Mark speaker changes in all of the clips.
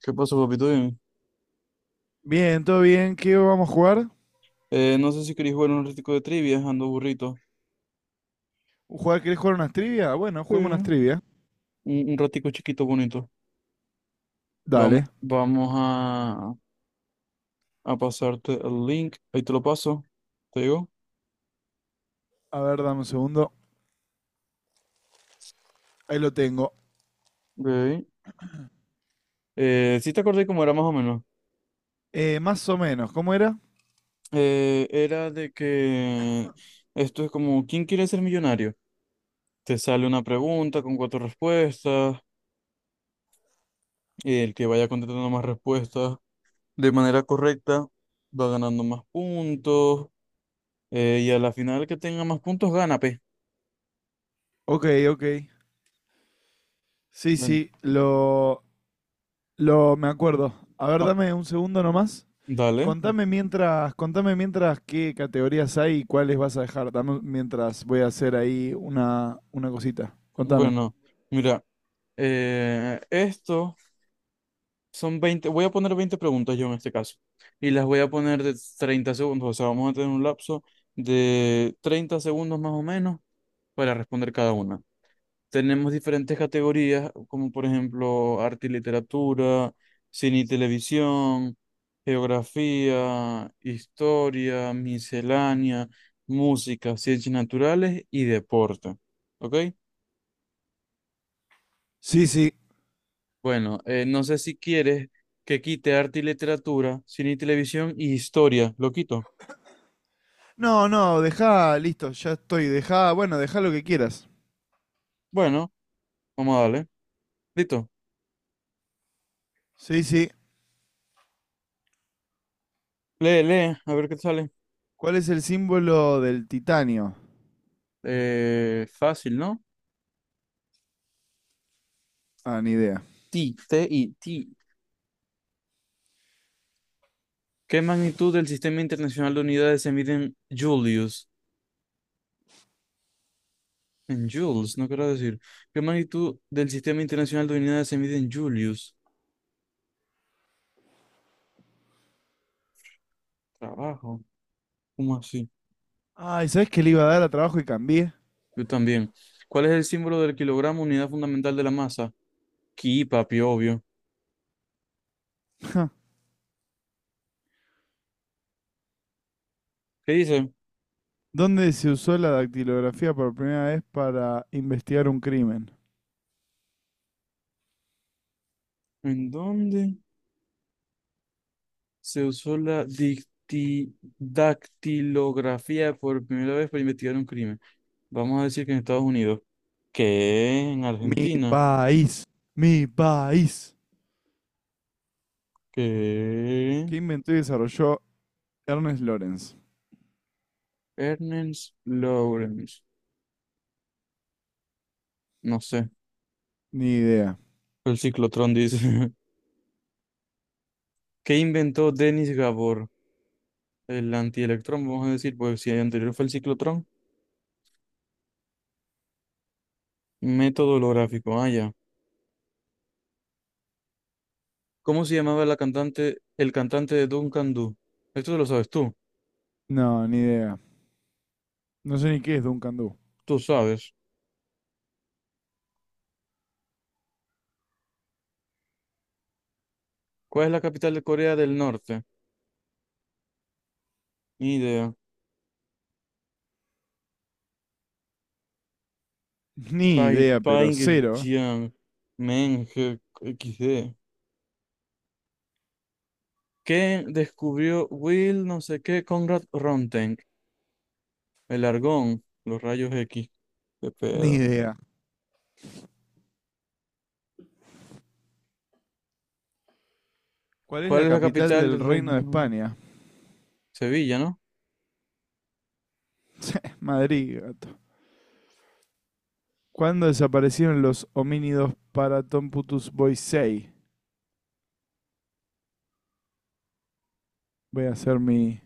Speaker 1: ¿Qué pasó, papito? Dime.
Speaker 2: Bien, todo bien. ¿Qué vamos a jugar?
Speaker 1: No sé si queréis jugar un ratico de trivia, ando burrito.
Speaker 2: ¿Jugar? ¿Querés jugar unas trivia? Bueno,
Speaker 1: Sí.
Speaker 2: juguemos unas
Speaker 1: Un,
Speaker 2: trivia.
Speaker 1: un ratico chiquito, bonito. Vamos,
Speaker 2: Dale.
Speaker 1: vamos a pasarte el link. Ahí te lo paso. ¿Te digo?
Speaker 2: A ver, dame un segundo. Ahí lo tengo.
Speaker 1: Ok. Sí te acordé cómo era más o menos.
Speaker 2: Más o menos, ¿cómo era?
Speaker 1: Era de que esto es como ¿quién quiere ser millonario? Te sale una pregunta con cuatro respuestas. El que vaya contestando más respuestas de manera correcta va ganando más puntos. Y a la final el que tenga más puntos gana, pe.
Speaker 2: Ok, ok. Sí,
Speaker 1: Ven,
Speaker 2: sí, lo me acuerdo. A ver,
Speaker 1: oh,
Speaker 2: dame un segundo nomás.
Speaker 1: dale.
Speaker 2: Contame mientras qué categorías hay y cuáles vas a dejar. Dame mientras voy a hacer ahí una cosita. Contame.
Speaker 1: Bueno, mira, esto son 20 voy a poner 20 preguntas yo en este caso. Y las voy a poner de 30 segundos, o sea, vamos a tener un lapso de 30 segundos más o menos para responder cada una. Tenemos diferentes categorías, como por ejemplo arte y literatura, cine y televisión, geografía, historia, miscelánea, música, ciencias naturales y deporte. ¿Ok?
Speaker 2: Sí, sí.
Speaker 1: Bueno, no sé si quieres que quite arte y literatura, cine y televisión y historia. ¿Lo quito?
Speaker 2: No, no, dejá, listo, ya estoy. Dejá, bueno, dejá lo que quieras.
Speaker 1: Bueno, vamos a darle. Listo.
Speaker 2: Sí, sí.
Speaker 1: Lee, lee, a ver qué te sale.
Speaker 2: ¿Cuál es el símbolo del titanio?
Speaker 1: Fácil, ¿no?
Speaker 2: Ah, ni idea.
Speaker 1: t T-I. ¿Qué magnitud del Sistema Internacional de Unidades se mide en Julius? En joules, no quiero decir. ¿Qué magnitud del Sistema Internacional de Unidades se mide en Julius? Trabajo. ¿Cómo así?
Speaker 2: Ay, ¿sabes que le iba a dar a trabajo y cambié?
Speaker 1: Yo también. ¿Cuál es el símbolo del kilogramo, unidad fundamental de la masa? Ki, papi, obvio. ¿Qué dice?
Speaker 2: ¿Dónde se usó la dactilografía por primera vez para investigar un crimen?
Speaker 1: ¿En dónde se usó la dactilografía por primera vez para investigar un crimen? Vamos a decir que en Estados Unidos. ¿Qué? ¿En
Speaker 2: Mi
Speaker 1: Argentina?
Speaker 2: país, mi país.
Speaker 1: ¿Qué?
Speaker 2: ¿Qué inventó y desarrolló Ernest Lawrence?
Speaker 1: Ernest Lawrence. No sé.
Speaker 2: Ni idea.
Speaker 1: El ciclotrón dice. ¿Qué inventó Denis Gabor? El antielectrón, vamos a decir, pues si el anterior fue el ciclotrón. Método holográfico. Ah, ya. ¿Cómo se llamaba la cantante, el cantante de Duncan Du? Esto lo sabes tú.
Speaker 2: No, ni idea. No sé ni qué es Duncan Du.
Speaker 1: Tú sabes. ¿Cuál es la capital de Corea del Norte? Ni idea.
Speaker 2: Ni idea, pero cero.
Speaker 1: Pyongyang. Men, XD. ¿Qué descubrió Will no sé qué Conrad Ronteng? El argón, los rayos X. Qué
Speaker 2: Ni
Speaker 1: pedo.
Speaker 2: idea. ¿Cuál es
Speaker 1: ¿Cuál
Speaker 2: la
Speaker 1: es la
Speaker 2: capital
Speaker 1: capital
Speaker 2: del
Speaker 1: del
Speaker 2: Reino de
Speaker 1: reino?
Speaker 2: España?
Speaker 1: Sevilla, ¿no?
Speaker 2: Madrid, gato. ¿Cuándo desaparecieron los homínidos paratomputus Tom Boisei? Voy a hacer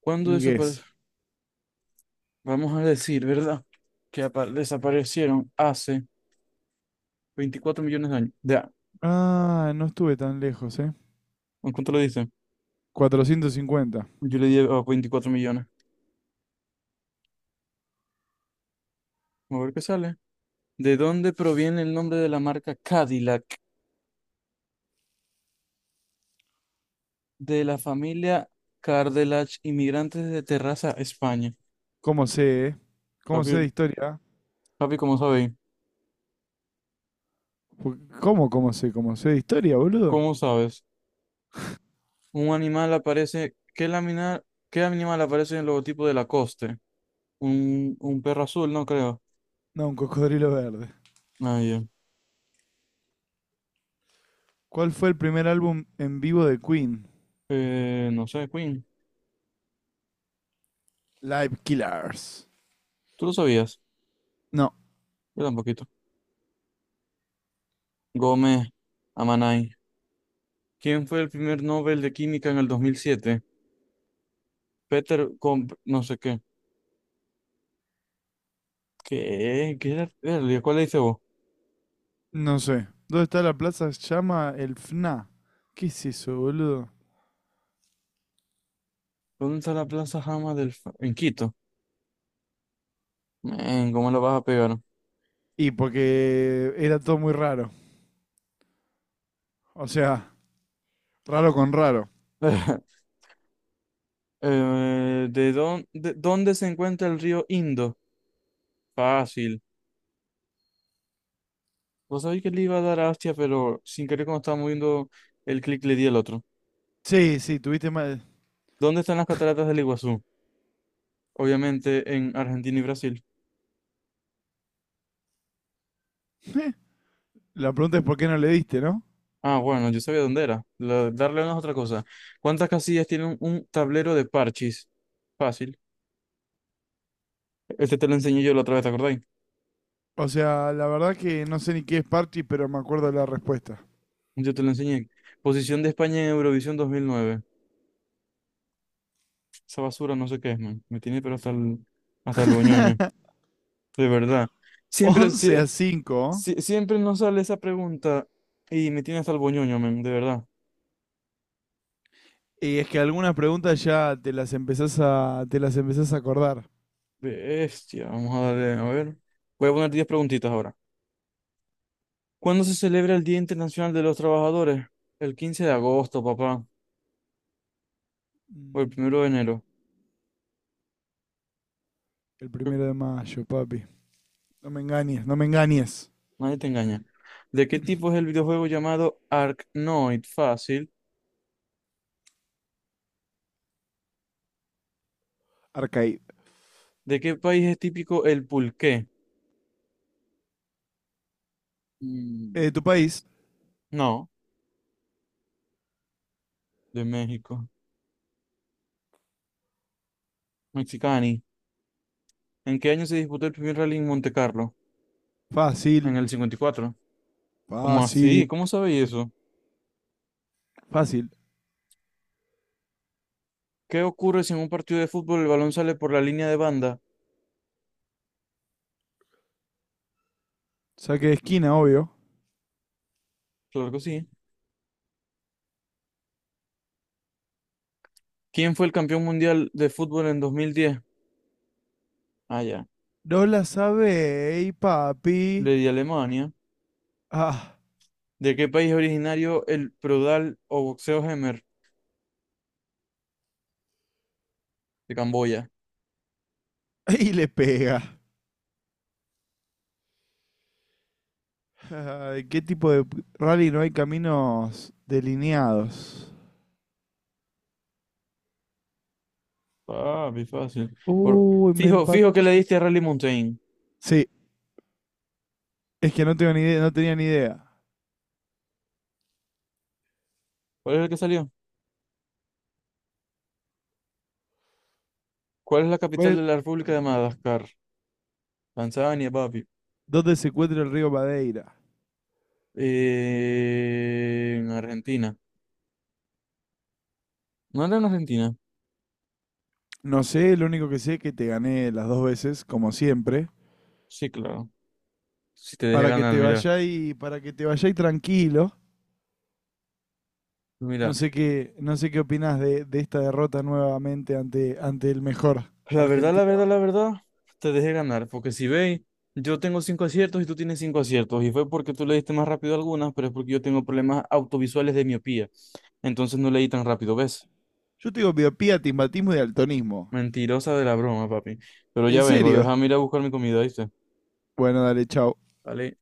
Speaker 1: ¿Cuándo
Speaker 2: mi guess.
Speaker 1: desapareció? Vamos a decir, ¿verdad? Que desaparecieron hace 24 millones de años. Ya,
Speaker 2: Ah, no estuve tan lejos, ¿eh?
Speaker 1: ¿en ¿cuánto le dice?
Speaker 2: 450.
Speaker 1: Yo le di a 24 millones. A ver qué sale. ¿De dónde proviene el nombre de la marca Cadillac? De la familia Cardelach, inmigrantes de Terraza, España.
Speaker 2: ¿Cómo sé, eh? ¿Cómo sé de
Speaker 1: Papi,
Speaker 2: historia?
Speaker 1: papi, ¿cómo sabéis?
Speaker 2: ¿Cómo sé? ¿Cómo sé de historia, boludo?
Speaker 1: ¿Cómo sabes? Un animal aparece. ¿Qué animal aparece en el logotipo de Lacoste? Un perro azul, no creo.
Speaker 2: No, un cocodrilo verde.
Speaker 1: Nadie.
Speaker 2: ¿Cuál fue el primer álbum en vivo de Queen?
Speaker 1: No sé, Queen.
Speaker 2: Live Killers.
Speaker 1: ¿Tú lo sabías?
Speaker 2: No,
Speaker 1: Yo tampoco. Gómez Amanay. ¿Quién fue el primer Nobel de Química en el 2007? Peter Comp, no sé qué. ¿Qué? ¿Qué era? Verga, ¿cuál le dice vos?
Speaker 2: No sé. ¿Dónde está la plaza? Se llama el FNA. ¿Qué es eso, boludo?
Speaker 1: ¿Dónde está la Plaza Jama del en Quito? Men, ¿cómo lo vas a pegar?
Speaker 2: Y porque era todo muy raro. O sea, raro con raro.
Speaker 1: ¿Dónde se encuentra el río Indo? Fácil. Vos sabéis que le iba a dar a Astia, pero sin querer cuando estaba moviendo el clic le di al otro.
Speaker 2: Sí, sí, tuviste mal.
Speaker 1: ¿Dónde están las cataratas del Iguazú? Obviamente en Argentina y Brasil.
Speaker 2: La pregunta es por qué no le diste, ¿no?
Speaker 1: Ah, bueno, yo sabía dónde era. Darle una es otra cosa. ¿Cuántas casillas tiene un tablero de parchís? Fácil. Este te lo enseñé yo la otra vez, ¿te acordáis?
Speaker 2: O sea, la verdad que no sé ni qué es party, pero me acuerdo la respuesta.
Speaker 1: Yo te lo enseñé. Posición de España en Eurovisión 2009. Esa basura no sé qué es, man. Me tiene pero hasta el boñoño. De verdad. Siempre,
Speaker 2: 11
Speaker 1: sie-
Speaker 2: a cinco.
Speaker 1: siempre nos sale esa pregunta y me tiene hasta el boñoño, man. De verdad.
Speaker 2: Y es que algunas preguntas ya te las empezás a acordar.
Speaker 1: Bestia. Vamos a darle, a ver. Voy a poner 10 preguntitas ahora. ¿Cuándo se celebra el Día Internacional de los Trabajadores? El 15 de agosto, papá, o el
Speaker 2: Mm,
Speaker 1: 1 de enero.
Speaker 2: el
Speaker 1: Creo-
Speaker 2: primero de mayo, papi. No me engañes, no me engañes.
Speaker 1: Nadie te engaña. ¿De qué tipo es el videojuego llamado Arknoid? Fácil.
Speaker 2: Arcade.
Speaker 1: ¿De qué país es típico el pulqué? Mm,
Speaker 2: ¿Tu país?
Speaker 1: No, de México. Mexicani. ¿En qué año se disputó el primer rally en Monte Carlo? En
Speaker 2: Fácil,
Speaker 1: el 54. ¿Cómo
Speaker 2: fácil,
Speaker 1: así? ¿Cómo sabéis eso?
Speaker 2: fácil.
Speaker 1: ¿Qué ocurre si en un partido de fútbol el balón sale por la línea de banda?
Speaker 2: Saque de esquina, obvio.
Speaker 1: Claro que sí. ¿Quién fue el campeón mundial de fútbol en 2010? Ah, ya.
Speaker 2: No la sabéis, papi.
Speaker 1: Le di a Alemania.
Speaker 2: Ah,
Speaker 1: ¿De qué país es originario el Prodal o boxeo Hemer? De Camboya.
Speaker 2: y le pega. Ay, ¿qué tipo de rally no hay caminos delineados?
Speaker 1: Papi, fácil. Por-
Speaker 2: Uy, me
Speaker 1: Fijo, fijo que le
Speaker 2: empata.
Speaker 1: diste a Rally Mountain.
Speaker 2: Sí, es que no tengo ni idea, no tenía ni idea.
Speaker 1: ¿Cuál es el que salió? ¿Cuál es la capital
Speaker 2: ¿Cuál-
Speaker 1: de la República de Madagascar? Tanzania, papi.
Speaker 2: ¿Dónde se encuentra el río Madeira?
Speaker 1: En Argentina. ¿No era en Argentina?
Speaker 2: No sé, lo único que sé es que te gané las dos veces, como siempre.
Speaker 1: Sí, claro. Si te dejé
Speaker 2: Para que
Speaker 1: ganar,
Speaker 2: te
Speaker 1: mira.
Speaker 2: vayáis, para que te vayáis tranquilo.
Speaker 1: Mira.
Speaker 2: No sé qué opinás de esta derrota nuevamente ante el mejor
Speaker 1: La verdad, la
Speaker 2: argentino.
Speaker 1: verdad, la verdad, te dejé ganar, porque si veis, yo tengo cinco aciertos y tú tienes cinco aciertos, y fue porque tú le diste más rápido algunas, pero es porque yo tengo problemas autovisuales de miopía, entonces no leí tan rápido, ¿ves?
Speaker 2: Yo te digo miopía, timbatismo y daltonismo.
Speaker 1: Mentirosa de la broma, papi. Pero ya
Speaker 2: ¿En
Speaker 1: vengo,
Speaker 2: serio?
Speaker 1: déjame ir a buscar mi comida, ¿viste?
Speaker 2: Bueno, dale, chau.
Speaker 1: Vale.